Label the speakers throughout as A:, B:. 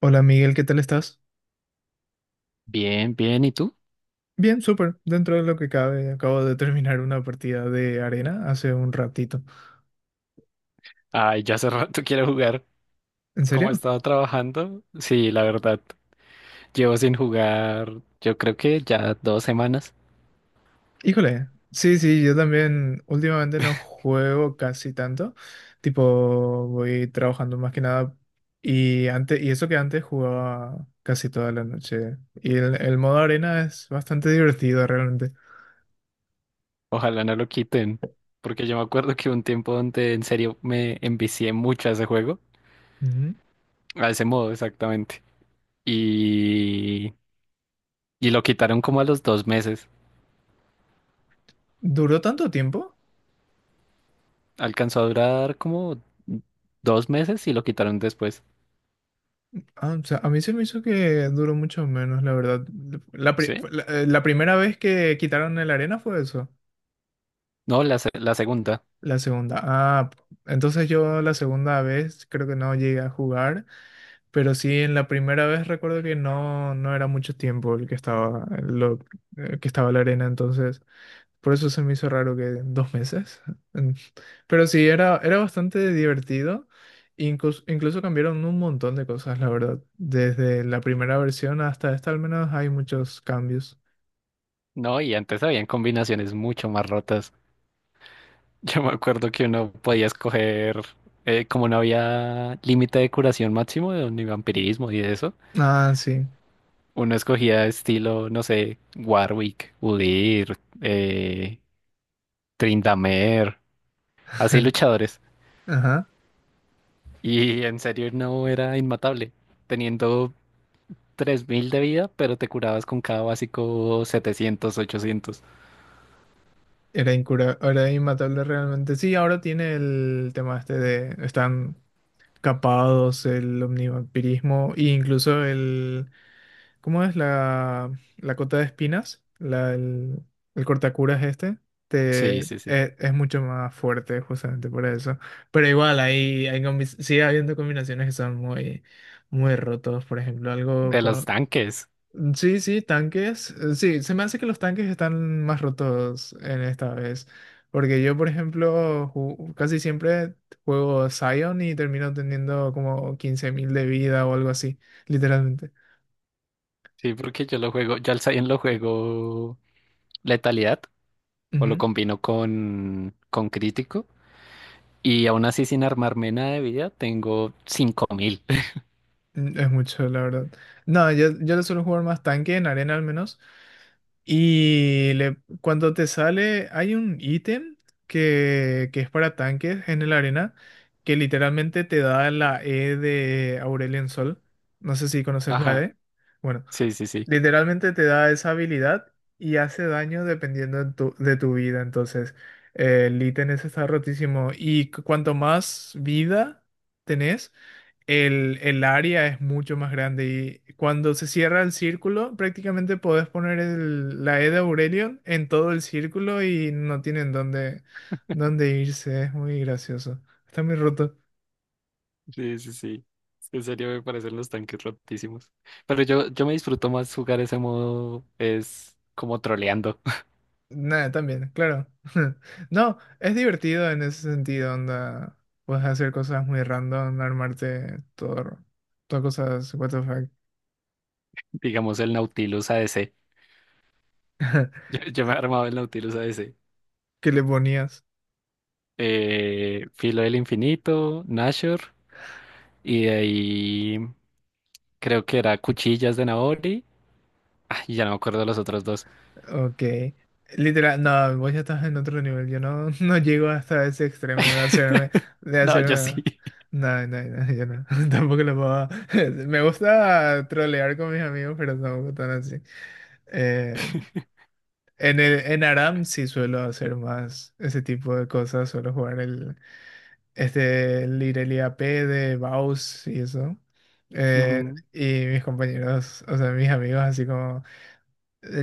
A: Hola Miguel, ¿qué tal estás?
B: Bien, bien, ¿y tú?
A: Bien, súper. Dentro de lo que cabe, acabo de terminar una partida de arena hace un ratito.
B: Ay, ya hace rato quiero jugar.
A: ¿En
B: Como he
A: serio?
B: estado trabajando, sí, la verdad, llevo sin jugar, yo creo que ya 2 semanas.
A: Híjole. Sí, sí, yo también últimamente no juego casi tanto. Tipo, voy trabajando más que nada. Y antes, y eso que antes jugaba casi toda la noche. Y el modo arena es bastante divertido realmente.
B: Ojalá no lo quiten, porque yo me acuerdo que hubo un tiempo donde en serio me envicié mucho a ese juego,
A: Ujú.
B: a ese modo exactamente. Y, y lo quitaron como a los 2 meses.
A: ¿Duró tanto tiempo?
B: Alcanzó a durar como 2 meses y lo quitaron después.
A: Ah, o sea, a mí se me hizo que duró mucho menos, la verdad. La, pri-
B: ¿Sí?
A: la- eh, la primera vez que quitaron el arena fue eso.
B: No, la, la segunda.
A: La segunda. Ah, entonces yo la segunda vez creo que no llegué a jugar, pero sí en la primera vez recuerdo que no, no era mucho tiempo el que estaba, que estaba la arena, entonces. Por eso se me hizo raro que dos meses. En. Pero sí, era bastante divertido. Incluso cambiaron un montón de cosas, la verdad. Desde la primera versión hasta esta, al menos hay muchos cambios.
B: No, y antes habían combinaciones mucho más rotas. Yo me acuerdo que uno podía escoger, como no había límite de curación máximo de ni vampirismo y de eso,
A: Ah, sí.
B: uno escogía estilo, no sé, Warwick, Udyr, eh, Tryndamere, así luchadores.
A: Ajá.
B: Y en serio no era inmatable, teniendo 3000 de vida, pero te curabas con cada básico 700 800.
A: Era incura, era inmatable realmente. Sí, ahora tiene el tema este de están capados, el omnivampirismo e incluso el. ¿Cómo es la cota de espinas? El cortacuras este. Te,
B: Sí, sí, sí.
A: es mucho más fuerte justamente por eso. Pero igual, sigue habiendo combinaciones que son muy rotos. Por ejemplo, algo
B: De los
A: con...
B: tanques.
A: Sí, sí, tanques. Sí, se me hace que los tanques están más rotos en esta vez. Porque yo, por ejemplo, casi siempre juego Sion y termino teniendo como 15.000 de vida o algo así, literalmente.
B: Sí, porque yo lo juego, yo al Zayn lo juego letalidad o lo combino con, crítico. Y aún así, sin armarme nada de vida, tengo 5000.
A: Es mucho, la verdad. No, yo lo suelo jugar más tanque, en arena al menos. Y le, cuando te sale, hay un ítem que es para tanques en el arena, que literalmente te da la E de Aurelion Sol. No sé si conoces la
B: Ajá,
A: E. Bueno,
B: sí, sí, sí.
A: literalmente te da esa habilidad y hace daño dependiendo de de tu vida. Entonces, el ítem ese está rotísimo. Y cuanto más vida tenés, el área es mucho más grande y cuando se cierra el círculo, prácticamente podés poner la E de Aurelion en todo el círculo y no tienen dónde irse. Es muy gracioso. Está muy roto.
B: Sí, sí, sí. En serio me parecen los tanques rotísimos. Pero yo, me disfruto más jugar ese modo, es como troleando,
A: Nada, también, claro. No, es divertido en ese sentido, onda. Puedes hacer cosas muy random, armarte todas cosas, what the fuck,
B: digamos el Nautilus ADC. Yo, me he armado el Nautilus ADC.
A: que le ponías.
B: Filo del Infinito, Nashor, y de ahí creo que era Cuchillas de Naori. Ah, y ya no me acuerdo los otros dos.
A: Ok. Literal, no, vos ya estás en otro nivel. Yo no, no llego hasta ese extremo de de
B: No, yo
A: hacerme.
B: sí.
A: No, no, no, yo no. Tampoco lo puedo. Me gusta trolear con mis amigos, pero tampoco tan así. Eh, en en Aram sí suelo hacer más ese tipo de cosas. Suelo jugar el Irelia AP de Baus y eso. Eh,
B: Ujú.
A: y mis compañeros, o sea, mis amigos, así como.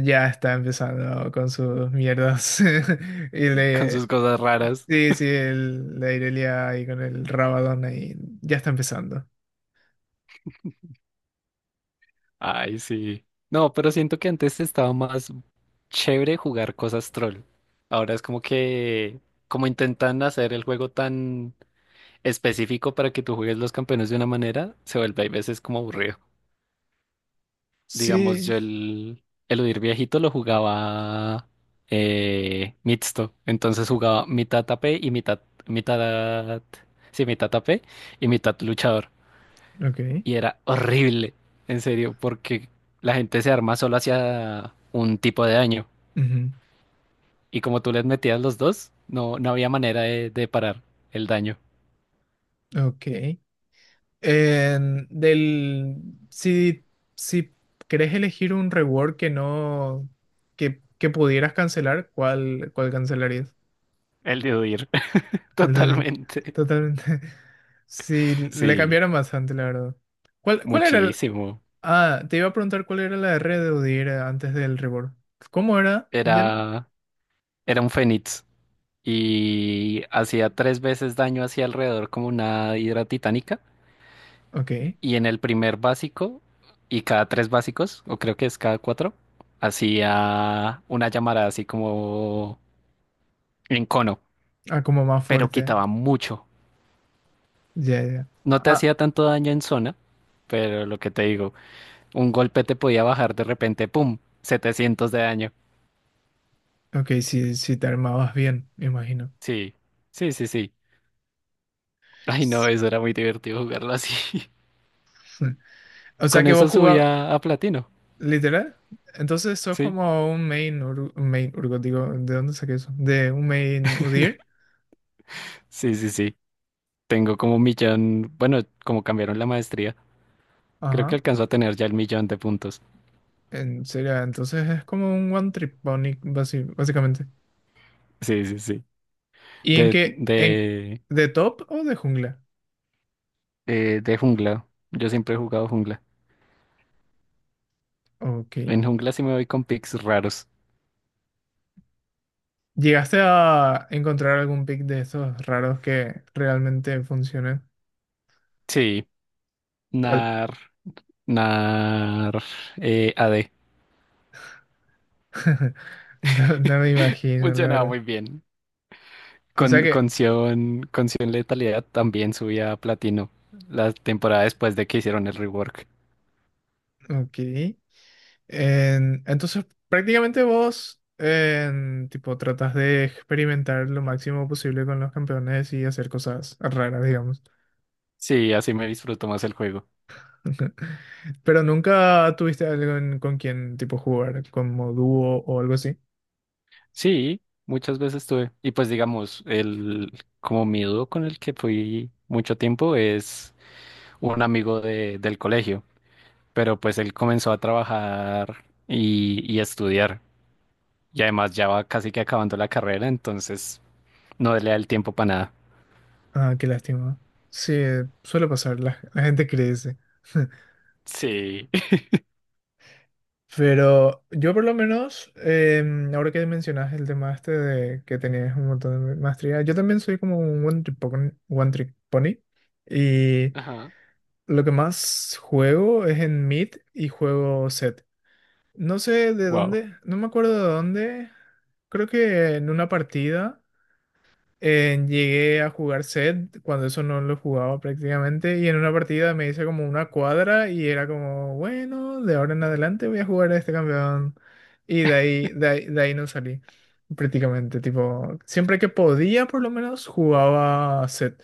A: Ya está empezando con sus mierdas. Y
B: Con
A: le.
B: sus cosas raras.
A: Sí, sí, el, la Irelia ahí con el Rabadón ahí. Ya está empezando.
B: Ay, sí. No, pero siento que antes estaba más chévere jugar cosas troll. Ahora es como que, como intentan hacer el juego tan específico para que tú juegues los campeones de una manera, se vuelve a veces como aburrido. Digamos,
A: Sí,
B: yo el eludir viejito lo jugaba mixto. Entonces jugaba mitad AP y mitad, mitad, sí, mitad AP y mitad luchador.
A: ok.
B: Y era horrible, en serio, porque la gente se arma solo hacia un tipo de daño.
A: ujú.
B: Y como tú les metías los dos, no, no había manera de, parar el daño,
A: Ok. En- del. Si, si querés elegir un reward que no, que pudieras cancelar, ¿cuál cancelarías?
B: el de huir,
A: El de.
B: totalmente.
A: Totalmente. Sí, le
B: Sí,
A: cambiaron bastante, la verdad. ¿Cuál era? el-.
B: muchísimo.
A: Ah, te iba a preguntar cuál era la R de Udyr antes del reborn. ¿Cómo era? Ya...
B: Era, era un fénix y hacía 3 veces daño hacia alrededor como una hidra titánica.
A: Ok.
B: Y en el primer básico, y cada 3 básicos, o creo que es cada cuatro, hacía una llamarada así como en cono,
A: Ah, como más
B: pero
A: fuerte.
B: quitaba mucho.
A: Ya, ya.
B: No te
A: Ah,
B: hacía tanto daño en zona, pero lo que te digo, un golpe te podía bajar de repente, ¡pum! 700 de daño.
A: ok, si te armabas bien, me imagino.
B: Sí, sí, sí, sí. Ay, no,
A: S-.
B: eso era muy divertido jugarlo así.
A: O sea
B: Con
A: que
B: eso
A: vos jugabas.
B: subía a platino.
A: ¿Literal? Entonces sos
B: Sí,
A: como un main Urgot, digo, ¿de dónde saqué eso? De un main Udyr.
B: sí, sí, sí. Tengo como un millón, bueno, como cambiaron la maestría, creo que
A: Ajá.
B: alcanzó a tener ya el millón de puntos.
A: En serio, entonces es como un one trip pony, básicamente.
B: Sí, sí, sí.
A: ¿Y en
B: De,
A: qué? ¿En
B: de,
A: de top o de jungla?
B: de jungla. Yo siempre he jugado jungla.
A: Ok.
B: En jungla sí me voy con picks raros.
A: ¿Llegaste a encontrar algún pick de esos raros que realmente funcionen?
B: Sí,
A: ¿Cuál?
B: nar. Nar, AD.
A: No, no me imagino, la
B: Funcionaba
A: verdad.
B: muy bien.
A: O sea
B: Con,
A: que,
B: con Sion, con Sion Letalidad también subía a platino la temporada después de que hicieron el rework.
A: ok. Entonces, prácticamente vos, en, tipo, tratas de experimentar lo máximo posible con los campeones y hacer cosas raras, digamos.
B: Sí, así me disfruto más el juego.
A: Pero nunca tuviste algo con quien, tipo, jugar, como dúo o algo así.
B: Sí, muchas veces tuve. Y pues digamos, el como mi dúo con el que fui mucho tiempo es un amigo del colegio, pero pues él comenzó a trabajar y a estudiar. Y además ya va casi que acabando la carrera, entonces no le da el tiempo para nada.
A: Ah, qué lástima. Sí, suele pasar, la gente crece.
B: Sí.
A: Pero yo por lo menos, ahora que mencionas el tema este de que tenías un montón de maestría, yo también soy como un one trick pony, y
B: Ajá.
A: lo que más juego es en mid y juego set. No sé de
B: Wow.
A: dónde, no me acuerdo de dónde, creo que en una partida. Llegué a jugar set cuando eso no lo jugaba prácticamente y en una partida me hice como una cuadra y era como, bueno, de ahora en adelante voy a jugar a este campeón y de ahí no salí prácticamente, tipo, siempre que podía por lo menos jugaba set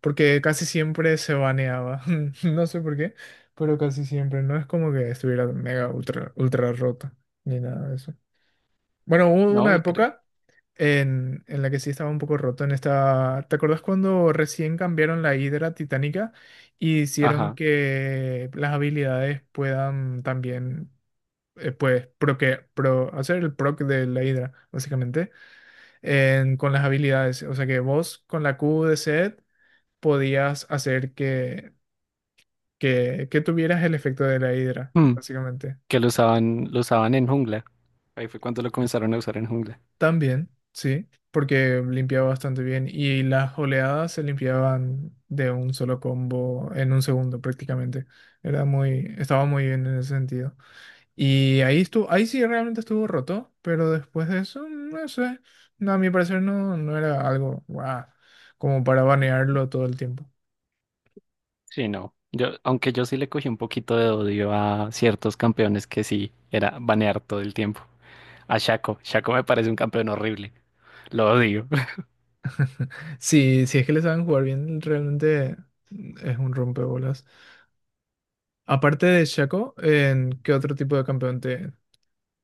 A: porque casi siempre se baneaba, no sé por qué, pero casi siempre, no es como que estuviera mega ultra, ultra rota ni nada de eso. Bueno, hubo
B: No,
A: una
B: y creo.
A: época en la que sí estaba un poco roto en esta... ¿Te acordás cuando recién cambiaron la Hidra titánica y hicieron
B: Ajá.
A: que las habilidades puedan también, hacer el proc de la Hidra, básicamente, con las habilidades? O sea que vos con la Q de Set podías hacer que tuvieras el efecto de la Hidra,
B: Mm,
A: básicamente.
B: Que lo usaban en jungla. Ahí fue cuando lo comenzaron a usar en jungla.
A: También, sí, porque limpiaba bastante bien y las oleadas se limpiaban de un solo combo en un segundo prácticamente. Estaba muy bien en ese sentido. Y ahí estuvo, ahí sí realmente estuvo roto, pero después de eso, no sé, no, a mi parecer no, no era algo guau, como para banearlo todo el tiempo.
B: Sí, no. Aunque yo sí le cogí un poquito de odio a ciertos campeones que sí era banear todo el tiempo. A Shaco. Shaco me parece un campeón horrible. Lo odio.
A: Sí, si es que le saben jugar bien, realmente es un rompebolas. Aparte de Shaco, ¿en qué otro tipo de campeón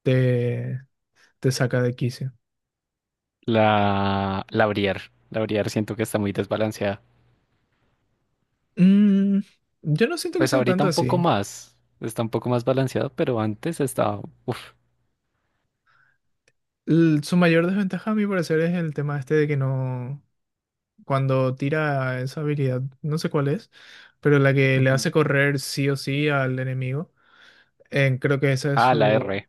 A: te, te saca de quicio?
B: La Briar. La Briar siento que está muy desbalanceada.
A: Mm, yo no siento que
B: Pues
A: sea
B: ahorita
A: tanto
B: un poco
A: así.
B: más. Está un poco más balanceado, pero antes estaba. Uf.
A: L- su mayor desventaja, a mi parecer, es el tema este de que no. Cuando tira esa habilidad, no sé cuál es, pero la que le hace
B: Ujú.
A: correr sí o sí al enemigo. Creo que esa es
B: Ah, la
A: su.
B: R.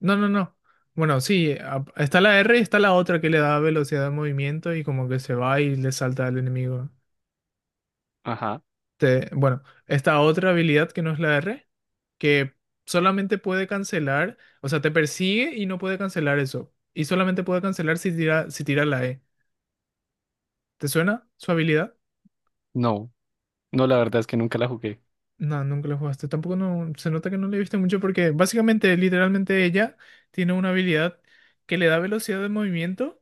A: No, no, no. Bueno, sí, a- está la R y está la otra que le da velocidad de movimiento y como que se va y le salta al enemigo.
B: Ajá.
A: Bueno, esta otra habilidad que no es la R, que solamente puede cancelar, o sea, te persigue y no puede cancelar eso. Y solamente puede cancelar si tira la E. ¿Te suena su habilidad?
B: No. No, la verdad es que nunca la jugué.
A: No, nunca la jugaste. Tampoco no, se nota que no le viste mucho porque básicamente, literalmente ella tiene una habilidad que le da velocidad de movimiento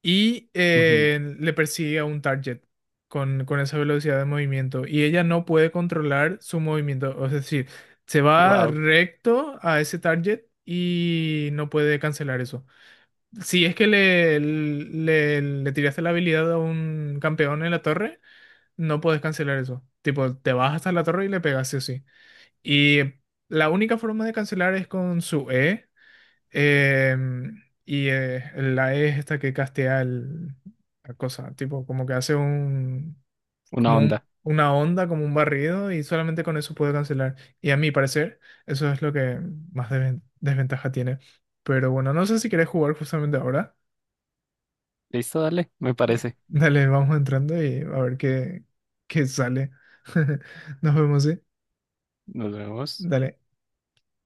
A: y le persigue a un target con esa velocidad de movimiento y ella no puede controlar su movimiento, es decir, se va
B: Wow,
A: recto a ese target y no puede cancelar eso. Si es que le tiraste la habilidad a un campeón en la torre, no puedes cancelar eso. Tipo, te vas hasta la torre y le pegas sí o sí. Y la única forma de cancelar es con su E. Eh, la E es esta que castea la cosa, tipo, como que hace
B: una onda.
A: una onda, como un barrido, y solamente con eso puede cancelar. Y a mi parecer, eso es lo que más desventaja tiene. Pero bueno, no sé si querés jugar justamente ahora.
B: Listo, dale, me parece.
A: Dale, vamos entrando y a ver qué sale. Nos vemos, ¿sí?
B: Nos vemos.
A: Dale.